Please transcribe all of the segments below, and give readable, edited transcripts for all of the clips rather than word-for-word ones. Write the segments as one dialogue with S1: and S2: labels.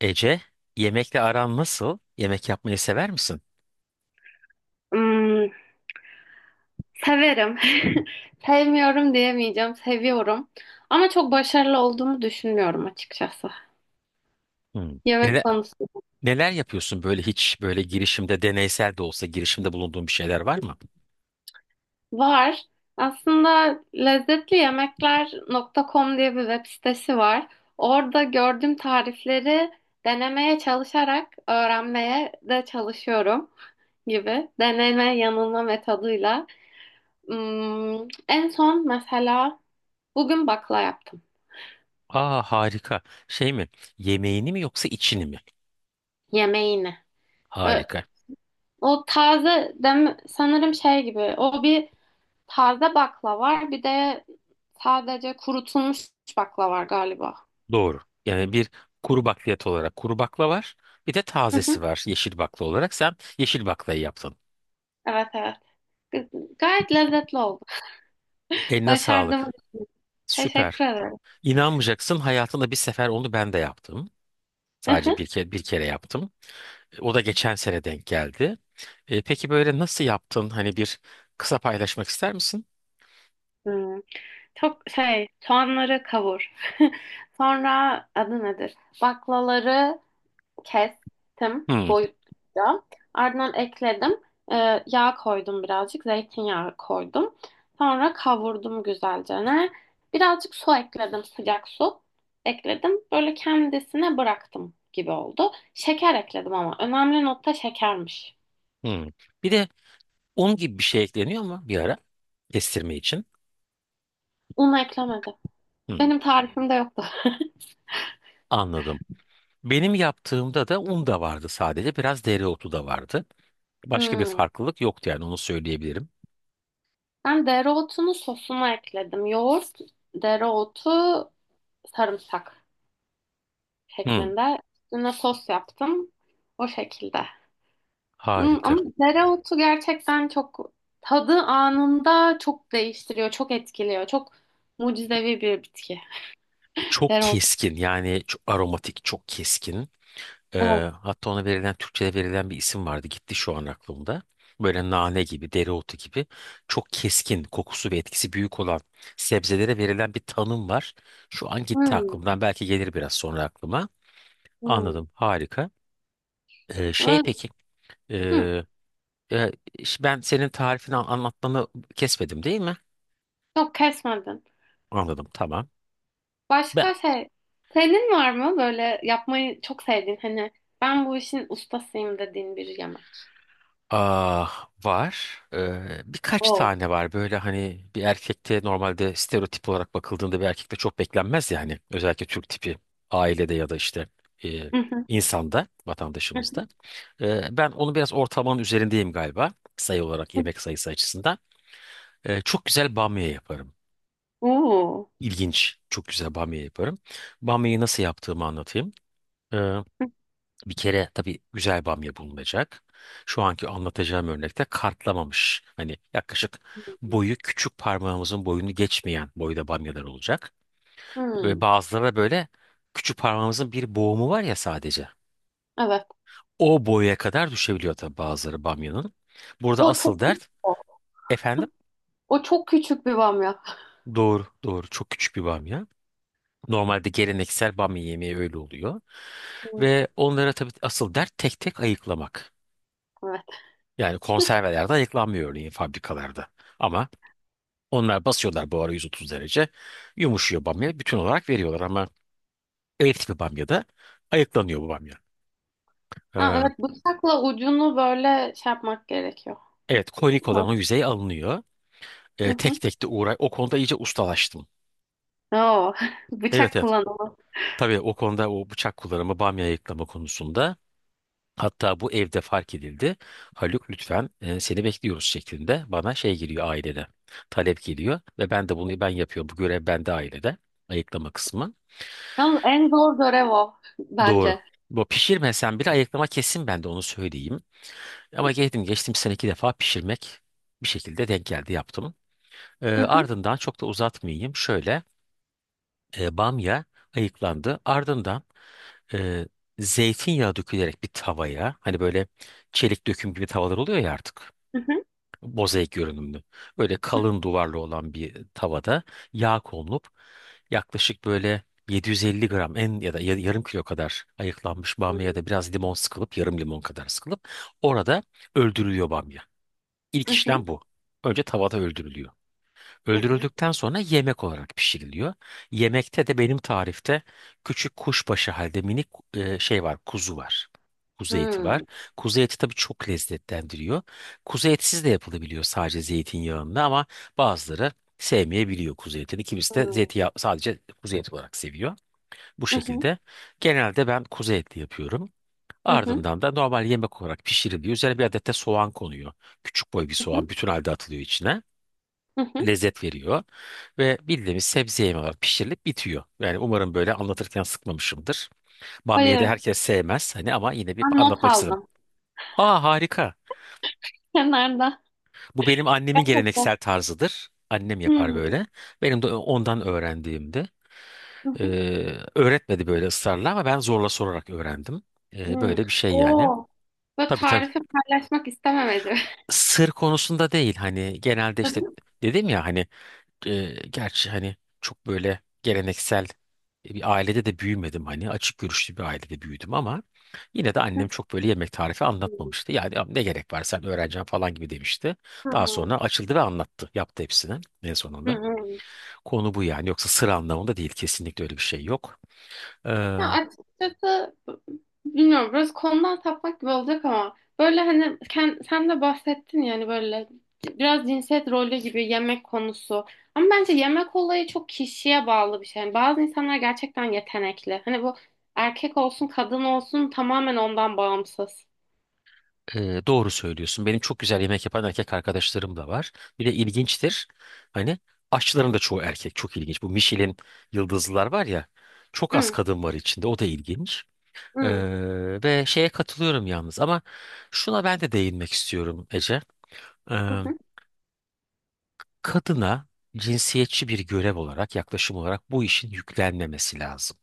S1: Ece, yemekle aran nasıl? Yemek yapmayı sever misin?
S2: Hmm, severim. Sevmiyorum diyemeyeceğim. Seviyorum. Ama çok başarılı olduğumu düşünmüyorum açıkçası.
S1: Hmm.
S2: Yemek konusu
S1: Neler yapıyorsun böyle hiç böyle girişimde deneysel de olsa girişimde bulunduğun bir şeyler var mı?
S2: var. Aslında lezzetliYemekler.com diye bir web sitesi var. Orada gördüğüm tarifleri denemeye çalışarak öğrenmeye de çalışıyorum gibi. Deneme yanılma metoduyla. Hmm, en son mesela bugün bakla yaptım.
S1: Aa harika. Şey mi? Yemeğini mi yoksa içini mi?
S2: Yemeğini. Ö-
S1: Harika.
S2: O taze dem sanırım şey gibi. O bir taze bakla var. Bir de sadece kurutulmuş bakla var galiba.
S1: Doğru. Yani bir kuru bakliyat olarak kuru bakla var. Bir de
S2: Hı
S1: tazesi
S2: hı.
S1: var yeşil bakla olarak. Sen yeşil baklayı yaptın.
S2: Evet evet. Gayet lezzetli oldu.
S1: Eline
S2: Başardım.
S1: sağlık. Süper.
S2: Teşekkür ederim.
S1: İnanmayacaksın hayatımda bir sefer onu ben de yaptım.
S2: Hı
S1: Sadece
S2: hı.
S1: bir kere, bir kere yaptım. O da geçen sene denk geldi. Peki böyle nasıl yaptın? Hani bir kısa paylaşmak ister misin?
S2: Hmm. Çok şey soğanları kavur. Sonra adı nedir? Baklaları kestim
S1: Hmm,
S2: boyutluca. Ardından ekledim. Yağ koydum birazcık. Zeytinyağı koydum. Sonra kavurdum güzelce. Ne? Birazcık su ekledim. Sıcak su ekledim. Böyle kendisine bıraktım gibi oldu. Şeker ekledim ama. Önemli nokta şekermiş.
S1: hmm. Bir de un gibi bir şey ekleniyor mu bir ara kestirme için?
S2: Un eklemedim.
S1: Hmm,
S2: Benim tarifimde yoktu.
S1: anladım. Benim yaptığımda da un da vardı sadece. Biraz dereotu da vardı. Başka bir
S2: Hmm.
S1: farklılık yoktu yani onu söyleyebilirim.
S2: Ben dereotunu sosuna ekledim. Yoğurt, dereotu, sarımsak
S1: Hmm,
S2: şeklinde. Üstüne sos yaptım. O şekilde.
S1: harika.
S2: Ama dereotu gerçekten çok tadı anında çok değiştiriyor, çok etkiliyor. Çok mucizevi bir bitki.
S1: Çok
S2: Dereotu.
S1: keskin yani çok aromatik, çok keskin.
S2: Evet.
S1: Hatta ona verilen Türkçe'de verilen bir isim vardı. Gitti şu an aklımda. Böyle nane gibi, dereotu gibi çok keskin, kokusu ve etkisi büyük olan sebzelere verilen bir tanım var. Şu an gitti
S2: Hmm,
S1: aklımdan. Belki gelir biraz sonra aklıma.
S2: hmm.
S1: Anladım. Harika. Şey
S2: Ve-
S1: peki,
S2: hmm,
S1: ee, e, ben senin tarifini anlatmanı kesmedim değil mi?
S2: Yok kesmedin.
S1: Anladım. Tamam. Ben
S2: Başka şey, senin var mı böyle yapmayı çok sevdiğin hani ben bu işin ustasıyım dediğin bir yemek?
S1: ah, var. Birkaç
S2: Oo.
S1: tane var. Böyle hani bir erkekte normalde stereotip olarak bakıldığında bir erkekte çok beklenmez yani. Özellikle Türk tipi ailede ya da işte e,
S2: Hı hı,
S1: insanda,
S2: hı hı.
S1: vatandaşımızda. Ben onu biraz ortalamanın üzerindeyim galiba. Sayı olarak yemek sayısı açısından. Çok güzel bamya yaparım.
S2: Oo.
S1: İlginç. Çok güzel bamya yaparım. Bamyayı nasıl yaptığımı anlatayım.
S2: Hı
S1: Bir kere tabii güzel bamya bulunacak. Şu anki anlatacağım örnekte kartlamamış. Hani yaklaşık
S2: hı.
S1: boyu küçük parmağımızın boyunu geçmeyen boyda bamyalar olacak. Ve
S2: Hmm,
S1: bazıları da böyle küçük parmağımızın bir boğumu var ya sadece.
S2: evet.
S1: O boya kadar düşebiliyor tabii bazıları bamyanın. Burada
S2: O
S1: asıl
S2: çok
S1: dert
S2: sık.
S1: efendim
S2: O çok küçük bir bamya.
S1: doğru doğru çok küçük bir bamya. Normalde geleneksel bamya yemeği öyle oluyor.
S2: Hmm,
S1: Ve onlara tabii asıl dert tek tek ayıklamak.
S2: evet.
S1: Yani konservelerde ayıklanmıyor örneğin fabrikalarda. Ama onlar basıyorlar buhara 130 derece. Yumuşuyor bamya. Bütün olarak veriyorlar ama ev tipi bamyada ayıklanıyor bu bamya.
S2: Ha,
S1: Ee,
S2: evet bıçakla ucunu böyle şey yapmak gerekiyor.
S1: evet konik
S2: Ha,
S1: olan o yüzey alınıyor.
S2: hı
S1: Tek
S2: hı.
S1: tek de uğray. O konuda iyice ustalaştım.
S2: Oo,
S1: Evet
S2: bıçak
S1: evet.
S2: kullanımı.
S1: Tabii o konuda o bıçak kullanımı bamya ayıklama konusunda hatta bu evde fark edildi. Haluk lütfen seni bekliyoruz şeklinde bana şey geliyor ailede. Talep geliyor ve ben de bunu ben yapıyorum. Bu görev bende ailede ayıklama kısmı.
S2: Yalnız en zor görev o
S1: Doğru.
S2: bence.
S1: Bu pişirmesen bile ayıklama kesin ben de onu söyleyeyim. Ama geldim geçtim sene iki defa pişirmek bir şekilde denk geldi yaptım.
S2: Hı hı,
S1: Ardından çok da uzatmayayım. Şöyle bamya ayıklandı. Ardından e, zeytinyağı dökülerek bir tavaya hani böyle çelik döküm gibi tavalar oluyor ya artık.
S2: hı hı,
S1: Mozaik görünümlü. Böyle kalın duvarlı olan bir tavada yağ konulup yaklaşık böyle 750 gram en ya da yarım kilo kadar ayıklanmış bamya ya da biraz limon sıkılıp yarım limon kadar sıkılıp orada öldürülüyor bamya. İlk
S2: hı hı,
S1: işlem bu. Önce tavada öldürülüyor.
S2: hı hı,
S1: Öldürüldükten sonra yemek olarak pişiriliyor. Yemekte de benim tarifte küçük kuşbaşı halde minik şey var, kuzu var. Kuzu
S2: hı
S1: eti var.
S2: hı,
S1: Kuzu eti tabii çok lezzetlendiriyor. Kuzu etsiz de yapılabiliyor sadece zeytinyağında ama bazıları sevmeyebiliyor kuzu etini. Kimisi
S2: hı
S1: de
S2: hı,
S1: zeytinyağı sadece kuzu eti olarak seviyor. Bu
S2: hı hı,
S1: şekilde genelde ben kuzu etli yapıyorum.
S2: hı
S1: Ardından da normal yemek olarak pişiriliyor. Üzerine bir adet de soğan konuyor. Küçük boy bir soğan
S2: hı,
S1: bütün halde atılıyor içine
S2: hı hı.
S1: lezzet veriyor. Ve bildiğimiz sebze yemeği olarak pişirilip bitiyor. Yani umarım böyle anlatırken sıkmamışımdır. Bamya'yı da
S2: Hayır,
S1: herkes sevmez hani ama yine bir
S2: ben not
S1: anlatmak istedim.
S2: aldım.
S1: Aa harika.
S2: Kenarda.
S1: Bu benim annemin geleneksel tarzıdır. Annem yapar
S2: Hmm,
S1: böyle. Benim de ondan öğrendiğimdi.
S2: hı
S1: Ee,
S2: hı,
S1: öğretmedi böyle ısrarla ama ben zorla sorarak öğrendim.
S2: hı.
S1: Böyle bir şey yani.
S2: Oo, bu
S1: Tabii tabii.
S2: tarifi paylaşmak istememeci.
S1: Sır konusunda değil hani genelde işte dedim ya hani gerçi hani çok böyle geleneksel bir ailede de büyümedim hani açık görüşlü bir ailede büyüdüm ama yine de annem çok böyle yemek tarifi anlatmamıştı. Yani "Ya ne gerek var sen öğreneceksin falan gibi demişti.
S2: Hı
S1: Daha
S2: hı.
S1: sonra açıldı ve anlattı. Yaptı hepsini en
S2: Hı
S1: sonunda.
S2: hı.
S1: Konu bu yani yoksa sıra anlamında değil kesinlikle öyle bir şey yok.
S2: Ya açıkçası bilmiyorum biraz konudan sapmak gibi olacak ama böyle hani sen de bahsettin yani böyle biraz cinsiyet rolü gibi yemek konusu. Ama bence yemek olayı çok kişiye bağlı bir şey. Yani bazı insanlar gerçekten yetenekli. Hani bu erkek olsun kadın olsun tamamen ondan bağımsız.
S1: Doğru söylüyorsun. Benim çok güzel yemek yapan erkek arkadaşlarım da var. Bir de ilginçtir. Hani aşçıların da çoğu erkek. Çok ilginç. Bu Michelin yıldızlılar var ya. Çok az
S2: Hı,
S1: kadın var içinde. O da ilginç.
S2: hı,
S1: Ve şeye katılıyorum yalnız. Ama şuna ben de değinmek istiyorum Ece. Ee,
S2: hı, hı,
S1: kadına cinsiyetçi bir görev olarak, yaklaşım olarak bu işin yüklenmemesi lazım.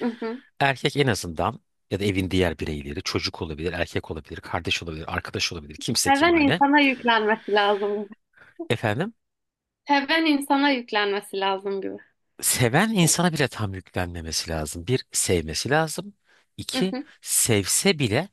S2: hı. Hı.
S1: Erkek en azından ya da evin diğer bireyleri, çocuk olabilir, erkek olabilir, kardeş olabilir, arkadaş olabilir, kimse kim
S2: Seven
S1: hani.
S2: insana yüklenmesi lazım.
S1: Efendim?
S2: Seven insana yüklenmesi lazım gibi.
S1: Seven insana bile tam yüklenmemesi lazım. Bir, sevmesi lazım.
S2: Hı
S1: İki,
S2: hı,
S1: sevse bile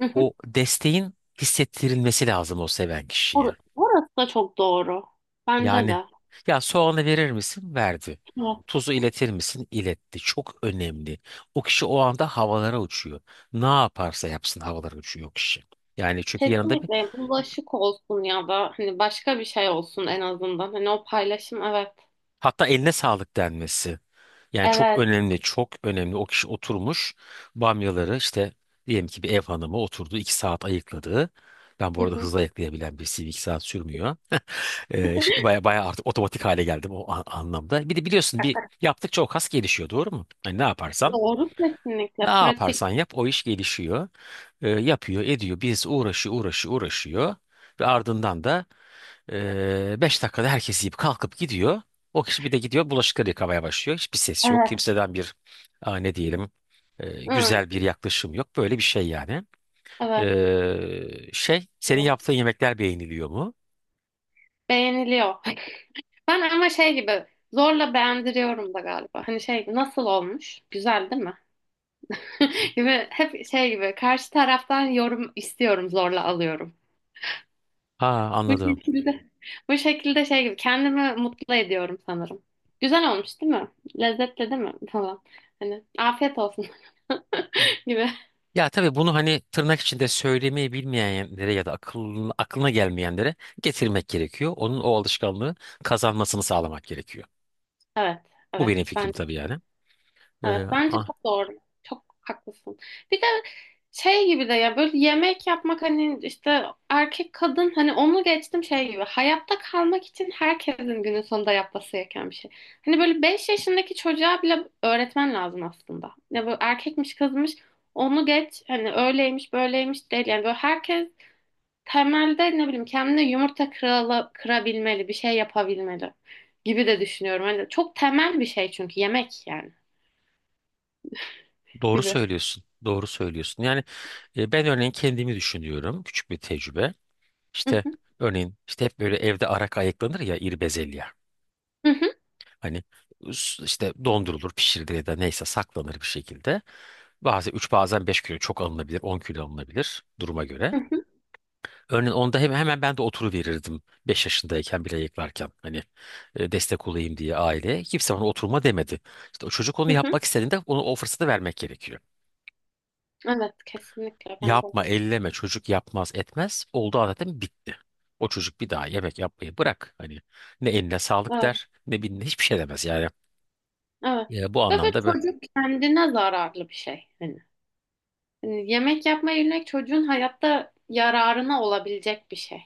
S2: hı hı.
S1: o desteğin hissettirilmesi lazım o seven kişiye.
S2: Burası da çok doğru. Bence
S1: Yani
S2: de.
S1: ya soğanı verir misin? Verdi.
S2: Evet.
S1: Tuzu iletir misin? İletti. Çok önemli. O kişi o anda havalara uçuyor. Ne yaparsa yapsın havalara uçuyor o kişi. Yani çünkü yanında bir
S2: Kesinlikle bulaşık olsun ya da hani başka bir şey olsun en azından. Hani o paylaşım evet.
S1: hatta eline sağlık denmesi. Yani çok
S2: Evet.
S1: önemli, çok önemli. O kişi oturmuş bamyaları işte diyelim ki bir ev hanımı oturdu. 2 saat ayıkladı. Ben bu
S2: Hı
S1: arada
S2: hı.
S1: hızlı ayıklayabilen birisiyim. 2 saat sürmüyor. Şey, baya baya artık otomatik hale geldim o anlamda. Bir de biliyorsun bir yaptıkça o kas gelişiyor doğru mu? Hani ne yaparsan
S2: Doğru
S1: ne
S2: kesinlikle pratik.
S1: yaparsan yap o iş gelişiyor. Yapıyor ediyor. Birisi uğraşıyor. Ve ardından da 5 dakikada herkes yiyip kalkıp gidiyor. O kişi bir de gidiyor bulaşıkları yıkamaya başlıyor. Hiçbir ses yok.
S2: Evet.
S1: Kimseden bir aa, ne diyelim
S2: Hı,
S1: güzel bir yaklaşım yok. Böyle bir şey yani.
S2: evet.
S1: Şey senin
S2: Doğru.
S1: yaptığın yemekler beğeniliyor mu?
S2: Beğeniliyor. Ben ama şey gibi zorla beğendiriyorum da galiba. Hani şey gibi, nasıl olmuş? Güzel değil mi? Gibi hep şey gibi karşı taraftan yorum istiyorum zorla alıyorum.
S1: Ha
S2: Bu
S1: anladım.
S2: şekilde, bu şekilde şey gibi kendimi mutlu ediyorum sanırım. Güzel olmuş değil mi? Lezzetli değil mi? Falan. Hani afiyet olsun gibi.
S1: Ya tabii bunu hani tırnak içinde söylemeyi bilmeyenlere ya da aklına gelmeyenlere getirmek gerekiyor. Onun o alışkanlığı kazanmasını sağlamak gerekiyor.
S2: Evet,
S1: Bu
S2: evet.
S1: benim fikrim tabii yani.
S2: Evet
S1: Ee,
S2: bence
S1: ah.
S2: çok doğru. Çok haklısın. Bir de şey gibi de ya böyle yemek yapmak hani işte erkek kadın hani onu geçtim şey gibi. Hayatta kalmak için herkesin günün sonunda yapması gereken bir şey. Hani böyle 5 yaşındaki çocuğa bile öğretmen lazım aslında. Ya böyle erkekmiş kızmış onu geç hani öyleymiş böyleymiş değil. Yani böyle herkes temelde ne bileyim kendine yumurta kırabilmeli bir şey yapabilmeli gibi de düşünüyorum. Hani çok temel bir şey çünkü yemek yani
S1: Doğru
S2: gibi.
S1: söylüyorsun. Doğru söylüyorsun. Yani ben örneğin kendimi düşünüyorum. Küçük bir tecrübe. İşte örneğin işte hep böyle evde arak ayıklanır ya iri bezelye.
S2: Hı hı,
S1: Hani işte dondurulur, pişirilir ya da neyse saklanır bir şekilde. Bazen 3, bazen 5 kilo çok alınabilir, 10 kilo alınabilir duruma göre.
S2: hı hı,
S1: Örneğin onda hemen ben de oturuverirdim 5 yaşındayken bile ayıklarken. Hani destek olayım diye aileye. Kimse bana oturma demedi. İşte o çocuk onu
S2: hı hı.
S1: yapmak istediğinde onu o fırsatı vermek gerekiyor.
S2: Evet kesinlikle ben de.
S1: Yapma, elleme, çocuk yapmaz etmez. Oldu zaten bitti. O çocuk bir daha yemek yapmayı bırak. Hani ne eline sağlık
S2: Evet,
S1: der, ne bilin hiçbir şey demez yani.
S2: evet.
S1: Bu
S2: Ve böyle
S1: anlamda be.
S2: çocuk kendine zararlı bir şey. hani, yemek yapma yemek çocuğun hayatta yararına olabilecek bir şey.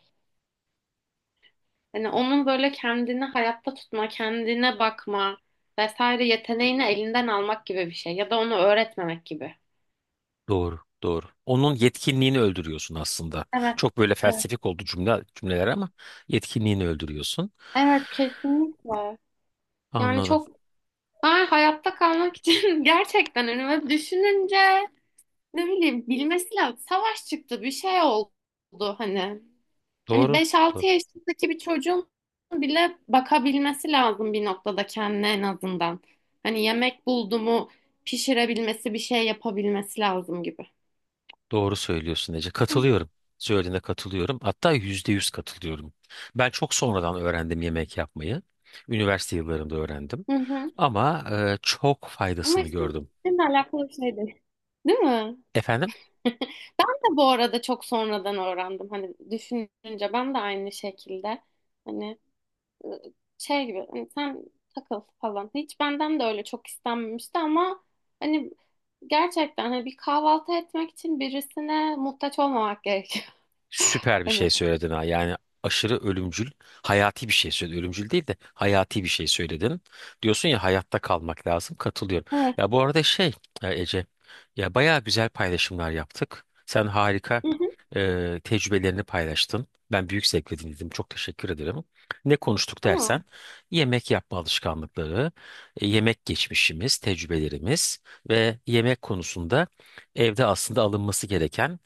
S2: Hani onun böyle kendini hayatta tutma, kendine bakma vesaire yeteneğini elinden almak gibi bir şey ya da onu öğretmemek gibi.
S1: Doğru, doğru. Onun yetkinliğini öldürüyorsun aslında.
S2: Evet,
S1: Çok böyle
S2: evet.
S1: felsefik oldu cümleler ama yetkinliğini öldürüyorsun.
S2: Evet, kesinlikle. Yani
S1: Anladım.
S2: çok ben hayatta kalmak için gerçekten hani böyle düşününce ne bileyim bilmesi lazım. Savaş çıktı bir şey oldu hani. Hani
S1: Doğru,
S2: beş
S1: doğru.
S2: altı yaşındaki bir çocuğun bile bakabilmesi lazım bir noktada kendine en azından. Hani yemek buldu mu pişirebilmesi bir şey yapabilmesi lazım gibi.
S1: Doğru söylüyorsun Ece. Katılıyorum. Söylediğine katılıyorum. Hatta %100 katılıyorum. Ben çok sonradan öğrendim yemek yapmayı. Üniversite yıllarımda öğrendim.
S2: Hı hı.
S1: Ama çok
S2: Ama
S1: faydasını
S2: işte
S1: gördüm.
S2: seninle alakalı bir şey değil. Değil mi?
S1: Efendim?
S2: Ben de bu arada çok sonradan öğrendim. Hani düşününce ben de aynı şekilde. Hani şey gibi hani sen takıl falan. Hiç benden de öyle çok istenmemişti ama hani gerçekten hani bir kahvaltı etmek için birisine muhtaç olmamak gerekiyor.
S1: Süper bir
S2: Hani.
S1: şey söyledin ha. Yani aşırı ölümcül, hayati bir şey söyledin. Ölümcül değil de hayati bir şey söyledin. Diyorsun ya hayatta kalmak lazım. Katılıyorum.
S2: Evet.
S1: Ya bu arada şey Ece, ya bayağı güzel paylaşımlar yaptık. Sen harika
S2: Hı hı.
S1: tecrübelerini paylaştın. Ben büyük zevkle dinledim. Çok teşekkür ederim. Ne konuştuk
S2: Ama,
S1: dersen yemek yapma alışkanlıkları, yemek geçmişimiz, tecrübelerimiz ve yemek konusunda evde aslında alınması gereken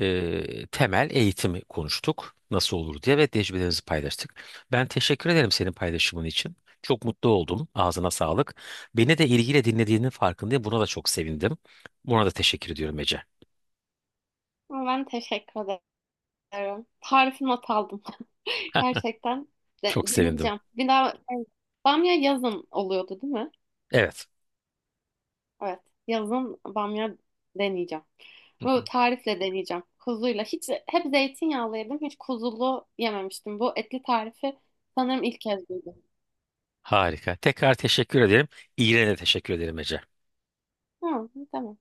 S1: temel eğitimi konuştuk. Nasıl olur diye ve tecrübelerimizi paylaştık. Ben teşekkür ederim senin paylaşımın için. Çok mutlu oldum. Ağzına sağlık. Beni de ilgiyle dinlediğinin farkındayım. Buna da çok sevindim. Buna da teşekkür ediyorum Ece.
S2: ama, ben teşekkür ederim. Tarifini not aldım. Gerçekten
S1: Çok sevindim.
S2: deneyeceğim. Bir daha evet. Bamya yazın oluyordu değil mi?
S1: Evet.
S2: Evet. Yazın bamya deneyeceğim.
S1: Hı
S2: Bu
S1: hı.
S2: tarifle deneyeceğim. Kuzuyla. Hiç hep zeytinyağlı yedim. Hiç kuzulu yememiştim. Bu etli tarifi sanırım ilk kez duydum.
S1: Harika. Tekrar teşekkür ederim. İyiliğine de teşekkür ederim Ece.
S2: Ha, tamam.